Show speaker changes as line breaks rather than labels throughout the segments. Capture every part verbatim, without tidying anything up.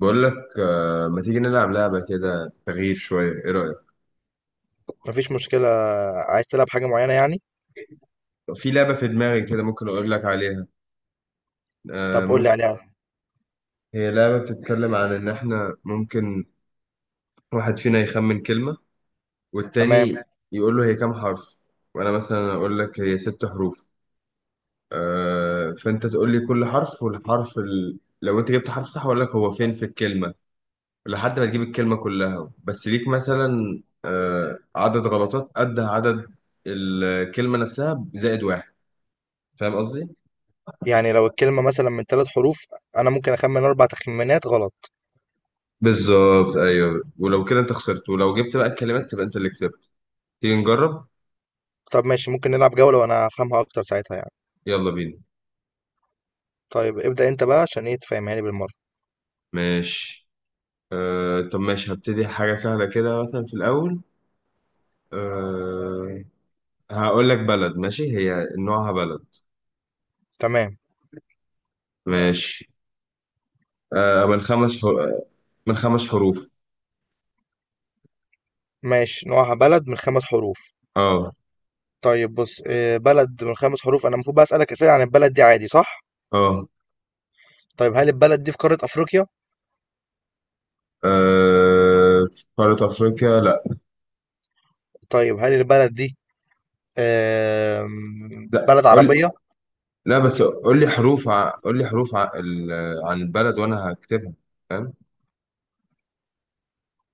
بقول لك آه، ما تيجي نلعب لعبة كده تغيير شوية، ايه رأيك؟
مفيش مشكلة. عايز تلعب حاجة معينة يعني؟
في لعبة في دماغي كده، ممكن اقول لك عليها. آه،
طب قول لي
ممكن.
عليها.
هي لعبة بتتكلم عن ان احنا ممكن واحد فينا يخمن كلمة
تمام.
والتاني يقول له هي كام حرف، وانا مثلا اقول لك هي ست حروف. آه، فانت تقول لي كل حرف والحرف ال... لو انت جبت حرف صح اقول لك هو فين في الكلمة، لحد ما تجيب الكلمة كلها. بس ليك مثلا آه، عدد غلطات قد عدد الكلمة نفسها زائد واحد. فاهم قصدي؟
يعني لو الكلمة مثلا من ثلاث حروف، أنا ممكن أخمن أربع تخمينات غلط.
بالظبط، ايوه، ولو كده انت خسرت، ولو جبت بقى الكلمات تبقى انت اللي كسبت. تيجي نجرب.
طب ماشي، ممكن نلعب جولة وأنا هفهمها أكتر ساعتها يعني.
يلا بينا.
طيب ابدأ أنت بقى عشان إيه تفهمها لي بالمرة.
ماشي. آه طب ماشي، هبتدي حاجة سهلة كده مثلا في الأول. آه، هقول لك بلد. ماشي، هي نوعها بلد.
تمام
ماشي. آه من خمس حر... من خمس حروف.
ماشي، نوعها بلد من خمس حروف.
اه
طيب بص، آه، بلد من خمس حروف، أنا المفروض بقى أسألك أسئلة عن البلد دي عادي صح؟
اه.
طيب هل البلد دي في قارة أفريقيا؟
آه، قارة أفريقيا، لا.
طيب هل البلد دي آم،
لا،
بلد
قول.
عربية؟
لا، بس قول لي حروف ع... قول لي حروف ع... ال... عن البلد، وأنا هكتبها. فاهم؟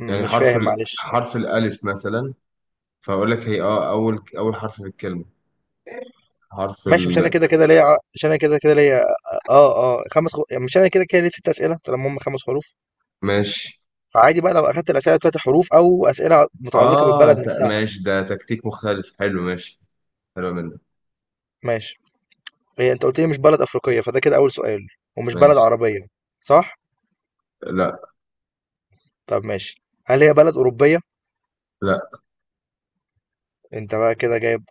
م-
يعني
مش
حرف
فاهم
ال...
معلش.
حرف الألف مثلا، فأقول لك هي اه أول أول حرف في الكلمة. حرف
ماشي،
ال.
مش انا كده كده ليا، ع- مش انا كده كده ليا، اه اه خمس خ... يعني مش انا كده كده ليا ست اسئله طالما هم خمس حروف.
ماشي.
فعادي بقى لو اخدت الاسئله بتاعت حروف او اسئله متعلقه
اه
بالبلد
ت...
نفسها.
ماشي، ده تكتيك مختلف حلو. ماشي. حلو منك.
ماشي. هي انت قلت لي مش بلد افريقيه، فده كده اول سؤال. ومش بلد
ماشي.
عربيه صح؟
لا.
طب ماشي، هل هي بلد اوروبيه؟
لا
انت بقى كده جايب.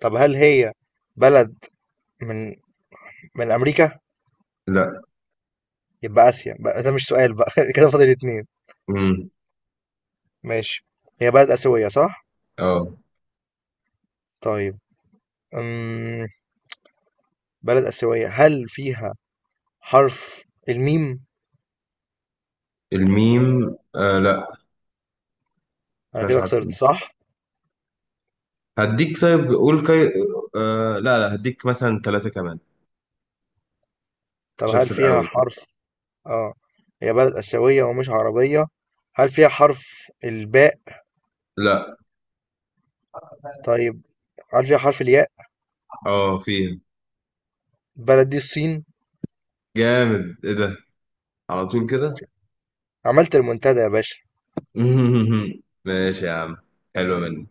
طب هل هي بلد من من امريكا؟
لا.
يبقى اسيا بقى، ده مش سؤال بقى كده فاضل اتنين.
امم.
ماشي، هي بلد اسيويه صح؟
اه.
طيب أمم، بلد اسيويه، هل فيها حرف الميم؟
الميم، آه لا.
أنا
مش
كده
عارف
خسرت
الميم.
صح؟
هديك طيب قول كي... آه، لا لا، هديك مثلا ثلاثة كمان
طب
عشان
هل
في
فيها
الأول كده.
حرف آه هي بلد آسيوية ومش عربية. هل فيها حرف الباء؟
لا.
طيب هل فيها حرف الياء؟
اه فيها.
البلد دي الصين.
جامد، ايه ده؟ على طول كده.
عملت المنتدى يا باشا.
ماشي يا عم. حلو منك.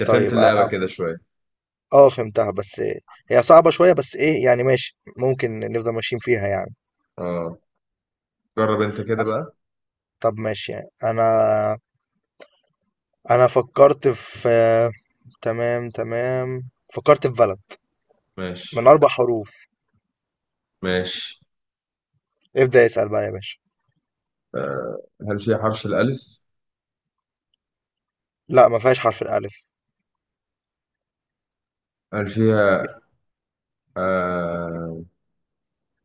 انت فهمت
طيب أ-
اللعبة
أ-
كده شوية.
اه فهمتها، بس هي صعبة شوية، بس ايه يعني، ماشي ممكن نفضل ماشيين فيها يعني.
اه. جرب انت كده
حس-
بقى.
طب ماشي، يعني انا انا فكرت في، تمام تمام فكرت في بلد من
ماشي.
اربع حروف.
ماشي،
ابدأ اسأل بقى يا باشا.
هل فيها حرف الألف؟
لا ما فيهاش حرف الألف.
هل فيها آه...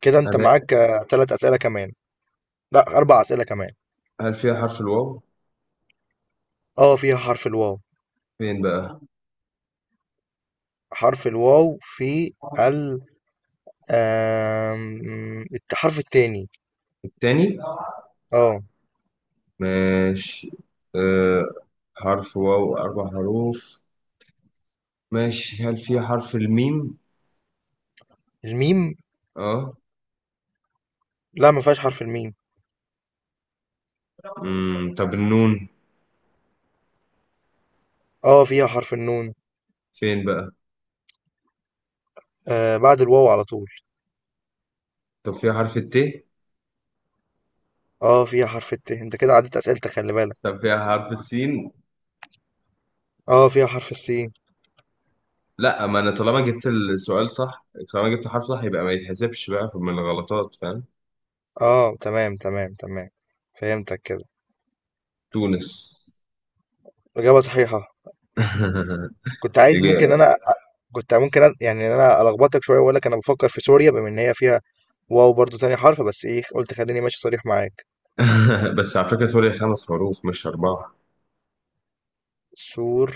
كده أنت
أداء؟
معاك آه، تلات أسئلة كمان. لا أربع أسئلة كمان.
هل فيها حرف الواو؟
أه فيها حرف الواو.
فين بقى؟
حرف الواو في ال آم، الحرف التاني.
التاني؟
أه.
ماشي. آه... حرف واو، أربع حروف. ماشي، هل فيها حرف الميم؟
الميم،
اه.
لا ما فيهاش حرف الميم.
مم. طب النون.
أه فيها حرف النون.
فين بقى؟
آه بعد الواو على طول.
طب فيها حرف الت؟
أه فيها حرف الت، أنت كده عديت أسئلتك خلي بالك.
طب فيها حرف السين؟
أه فيها حرف السين.
لا، ما أنا طالما جبت السؤال صح. طالما جبت حرف صح يبقى ما يتحسبش بقى من الغلطات، فاهم؟
أه تمام تمام تمام، فهمتك كده.
تونس.
إجابة صحيحة. كنت عايز، ممكن
إجابة.
أنا كنت ممكن أ- يعني إن أنا ألخبطك شوية وأقول لك أنا بفكر في سوريا، بما إن هي فيها واو برضو تاني حرف، بس ايه قلت خليني ماشي صريح معاك.
بس على فكرة، سوريا خمس حروف مش أربعة.
سور،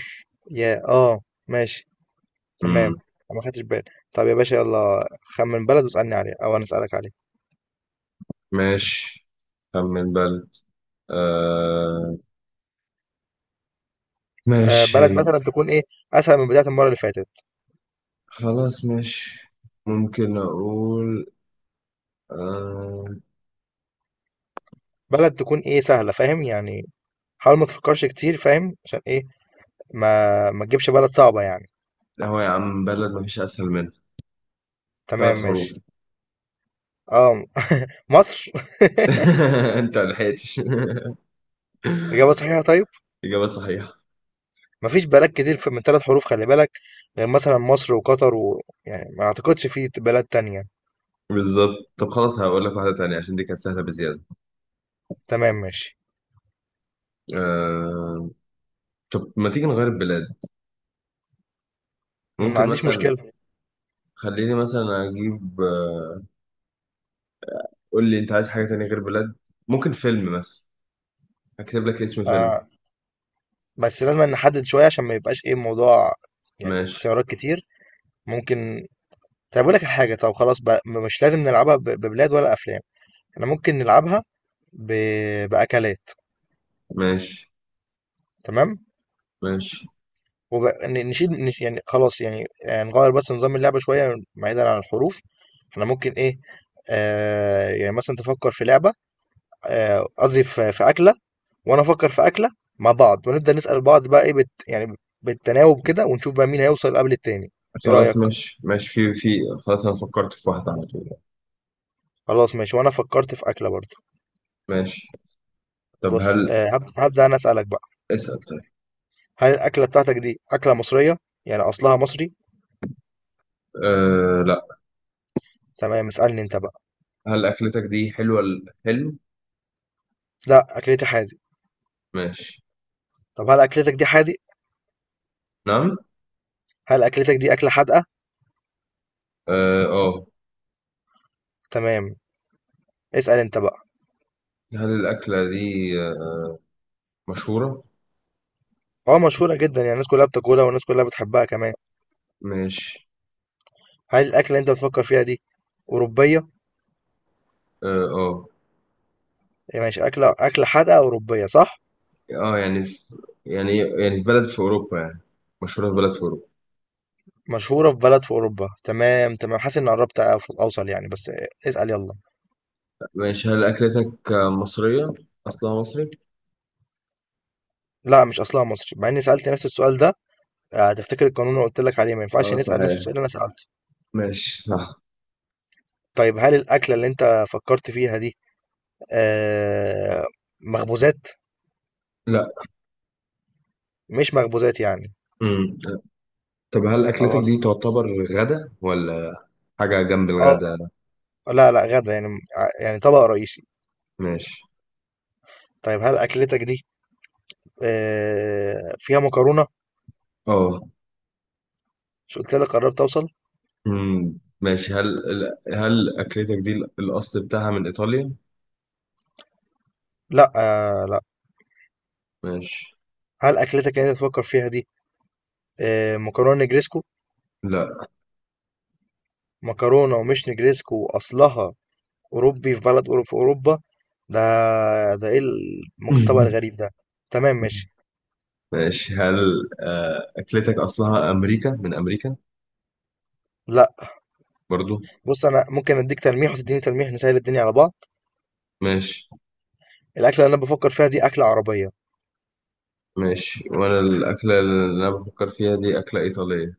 يا اه، ماشي تمام.
مم.
انا ما خدتش بالي. طب يا باشا يلا، خمن بلد واسألني عليه او انا اسألك عليه.
ماشي. خمن بلد. آه.
آه
ماشي.
بلد مثلا تكون ايه، اسهل من بداية المرة اللي فاتت.
خلاص ماشي. ممكن أقول. آه.
بلد تكون ايه سهلة، فاهم يعني، حاول ما تفكرش كتير، فاهم عشان ايه، ما ما تجيبش بلد صعبة يعني.
هو يا عم، بلد مفيش أسهل منها.
تمام
ثلاث حروف.
ماشي. اه مصر.
أنت ملحقتش.
إجابة صحيحة طيب.
إجابة صحيحة.
مفيش بلد كتير في- من ثلاث حروف خلي بالك، غير مثلا مصر وقطر، ويعني ما اعتقدش في بلاد تانية.
بالظبط. طب خلاص، هقول لك واحدة تانية عشان دي كانت سهلة بزيادة.
تمام ماشي.
آه... طب ما تيجي نغير البلاد.
ما
ممكن
عنديش
مثلا.
مشكلة.
خليني مثلا أجيب آه، قول لي انت عايز حاجة تانية غير بلاد. ممكن فيلم مثلا. هكتب لك اسم فيلم.
آه، بس لازم نحدد شوية عشان ما يبقاش ايه الموضوع، يعني
ماشي.
اختيارات كتير. ممكن. طب اقول لك الحاجة، طب خلاص بقى مش لازم نلعبها ب- ببلاد ولا أفلام. احنا ممكن نلعبها ب... بأكلات.
ماشي.
تمام.
ماشي.
ونشيل نش... يعني خلاص يعني آه، نغير بس نظام اللعبة شوية بعيدا عن الحروف. احنا ممكن ايه، آه يعني مثلا تفكر في لعبة، آه، قصدي في في أكلة، وانا افكر في اكله، مع بعض ونبدا نسال بعض بقى ايه بت... يعني بالتناوب كده، ونشوف بقى مين هيوصل قبل التاني. ايه
خلاص،
رايك؟
ماشي ماشي، في في خلاص انا فكرت في واحدة على طول.
خلاص ماشي، وانا فكرت في اكله برضه.
ماشي. طب
بص،
هل...
آه هب- هبدا انا اسالك بقى.
اسأل، طيب.
هل الاكله بتاعتك دي اكله مصريه، يعني اصلها مصري؟
أه لا.
تمام اسالني انت بقى.
هل أكلتك دي حلوة الحلم؟
لا اكلتي حادق.
ماشي.
طب هل اكلتك دي حادق؟
نعم.
هل اكلتك دي اكله حادقه؟
اه. آه.
تمام، اسال انت بقى.
هل الأكلة دي آه، مشهورة؟
اه مشهوره جدا، يعني الناس كلها بتاكلها والناس كلها بتحبها كمان.
ماشي.
هل الاكله اللي انت بتفكر فيها دي اوروبيه؟
اه اه.
يعني ماشي، اكله اكله حادقه اوروبيه صح؟
آه، يعني في، يعني يعني في بلد في أوروبا يعني، مشهورة في بلد في أوروبا.
مشهورة في بلد في أوروبا، تمام تمام، حاسس إني قربت أف- أوصل يعني، بس اسأل يلا.
ماشي، هل أكلتك آه، مصرية، أصلها مصري؟
لا مش أصلها مصر، مع إني سألت نفس السؤال ده، آه، هتفتكر القانون اللي قلت لك عليه، ما ينفعش
اه
نسأل نفس
صحيح.
السؤال اللي أنا سألته.
ماشي، صح.
طيب هل الأكلة اللي أنت فكرت فيها دي آه، مخبوزات؟
لا.
مش مخبوزات يعني.
امم طب هل اكلتك دي
خلاص.
تعتبر غدا، ولا حاجه جنب
أه
الغدا؟
لا لا غدا يعني، ع- يعني طبق رئيسي.
ماشي.
طيب هل أكلتك دي آه، فيها مكرونة؟
اه.
مش قلت لك قربت أوصل.
امم ماشي، هل ال- هل اكلتك دي الاصل بتاعها من ايطاليا؟
لا، آه، لا.
ماشي.
هل أكلتك اللي أنت تفكر فيها دي آه، مكرونة نجريسكو؟
لا.
مكرونة ومش نجريسكو، وأصلها أوروبي في بلد أورو- في أوروبا ده. ده إيه الم- الطبق الغريب ده؟ تمام ماشي.
ماشي، هل آه، اكلتك اصلها امريكا، من امريكا؟
لا.
برضو.
بص أنا ممكن أديك تلميح وتديني تلميح، نسهل الدنيا على بعض.
ماشي.
الأكلة اللي أنا بفكر فيها دي أكلة عربية.
ماشي، وانا الاكله اللي انا بفكر فيها دي اكله ايطاليه.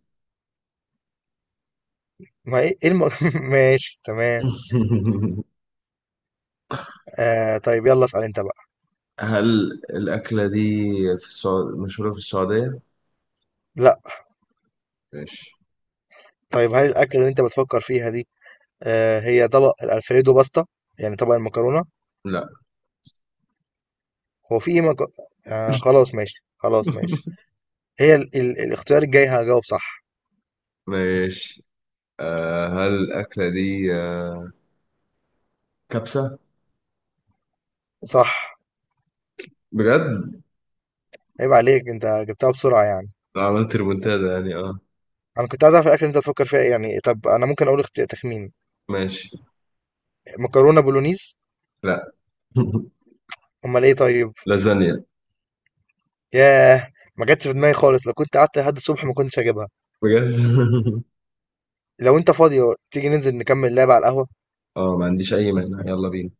ما إيه إيه الم... ماشي تمام. آه طيب يلا اسأل أنت بقى.
هل الاكله دي في السعوديه، مشهوره في السعوديه؟
لا.
ماشي.
طيب هل الأكلة اللي أنت بتفكر فيها دي آه هي طبق الألفريدو باستا، يعني طبق المكرونة؟
لا.
هو في إيه مك... آه خلاص ماشي خلاص ماشي. هي ال... ال... الاختيار الجاي هجاوب صح.
ماشي. آه هل الأكلة دي آه كبسة؟
صح.
بجد؟
عيب عليك انت جبتها بسرعة يعني.
آه، عملت ريمونتادا يعني؟ اه.
انا كنت عايز اعرف الاكل اللي انت تفكر فيها ايه يعني. طب انا ممكن اقول اخت- تخمين.
ماشي.
مكرونة بولونيز.
لا.
امال ايه طيب.
لازانيا.
ياه، ما جاتش في دماغي خالص، لو كنت قعدت لحد الصبح ما كنتش هجيبها.
بجد؟
لو انت فاضي، تيجي ننزل نكمل لعب على القهوة.
اه، ما عنديش أي مانع، يلا بينا.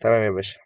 تمام يا باشا.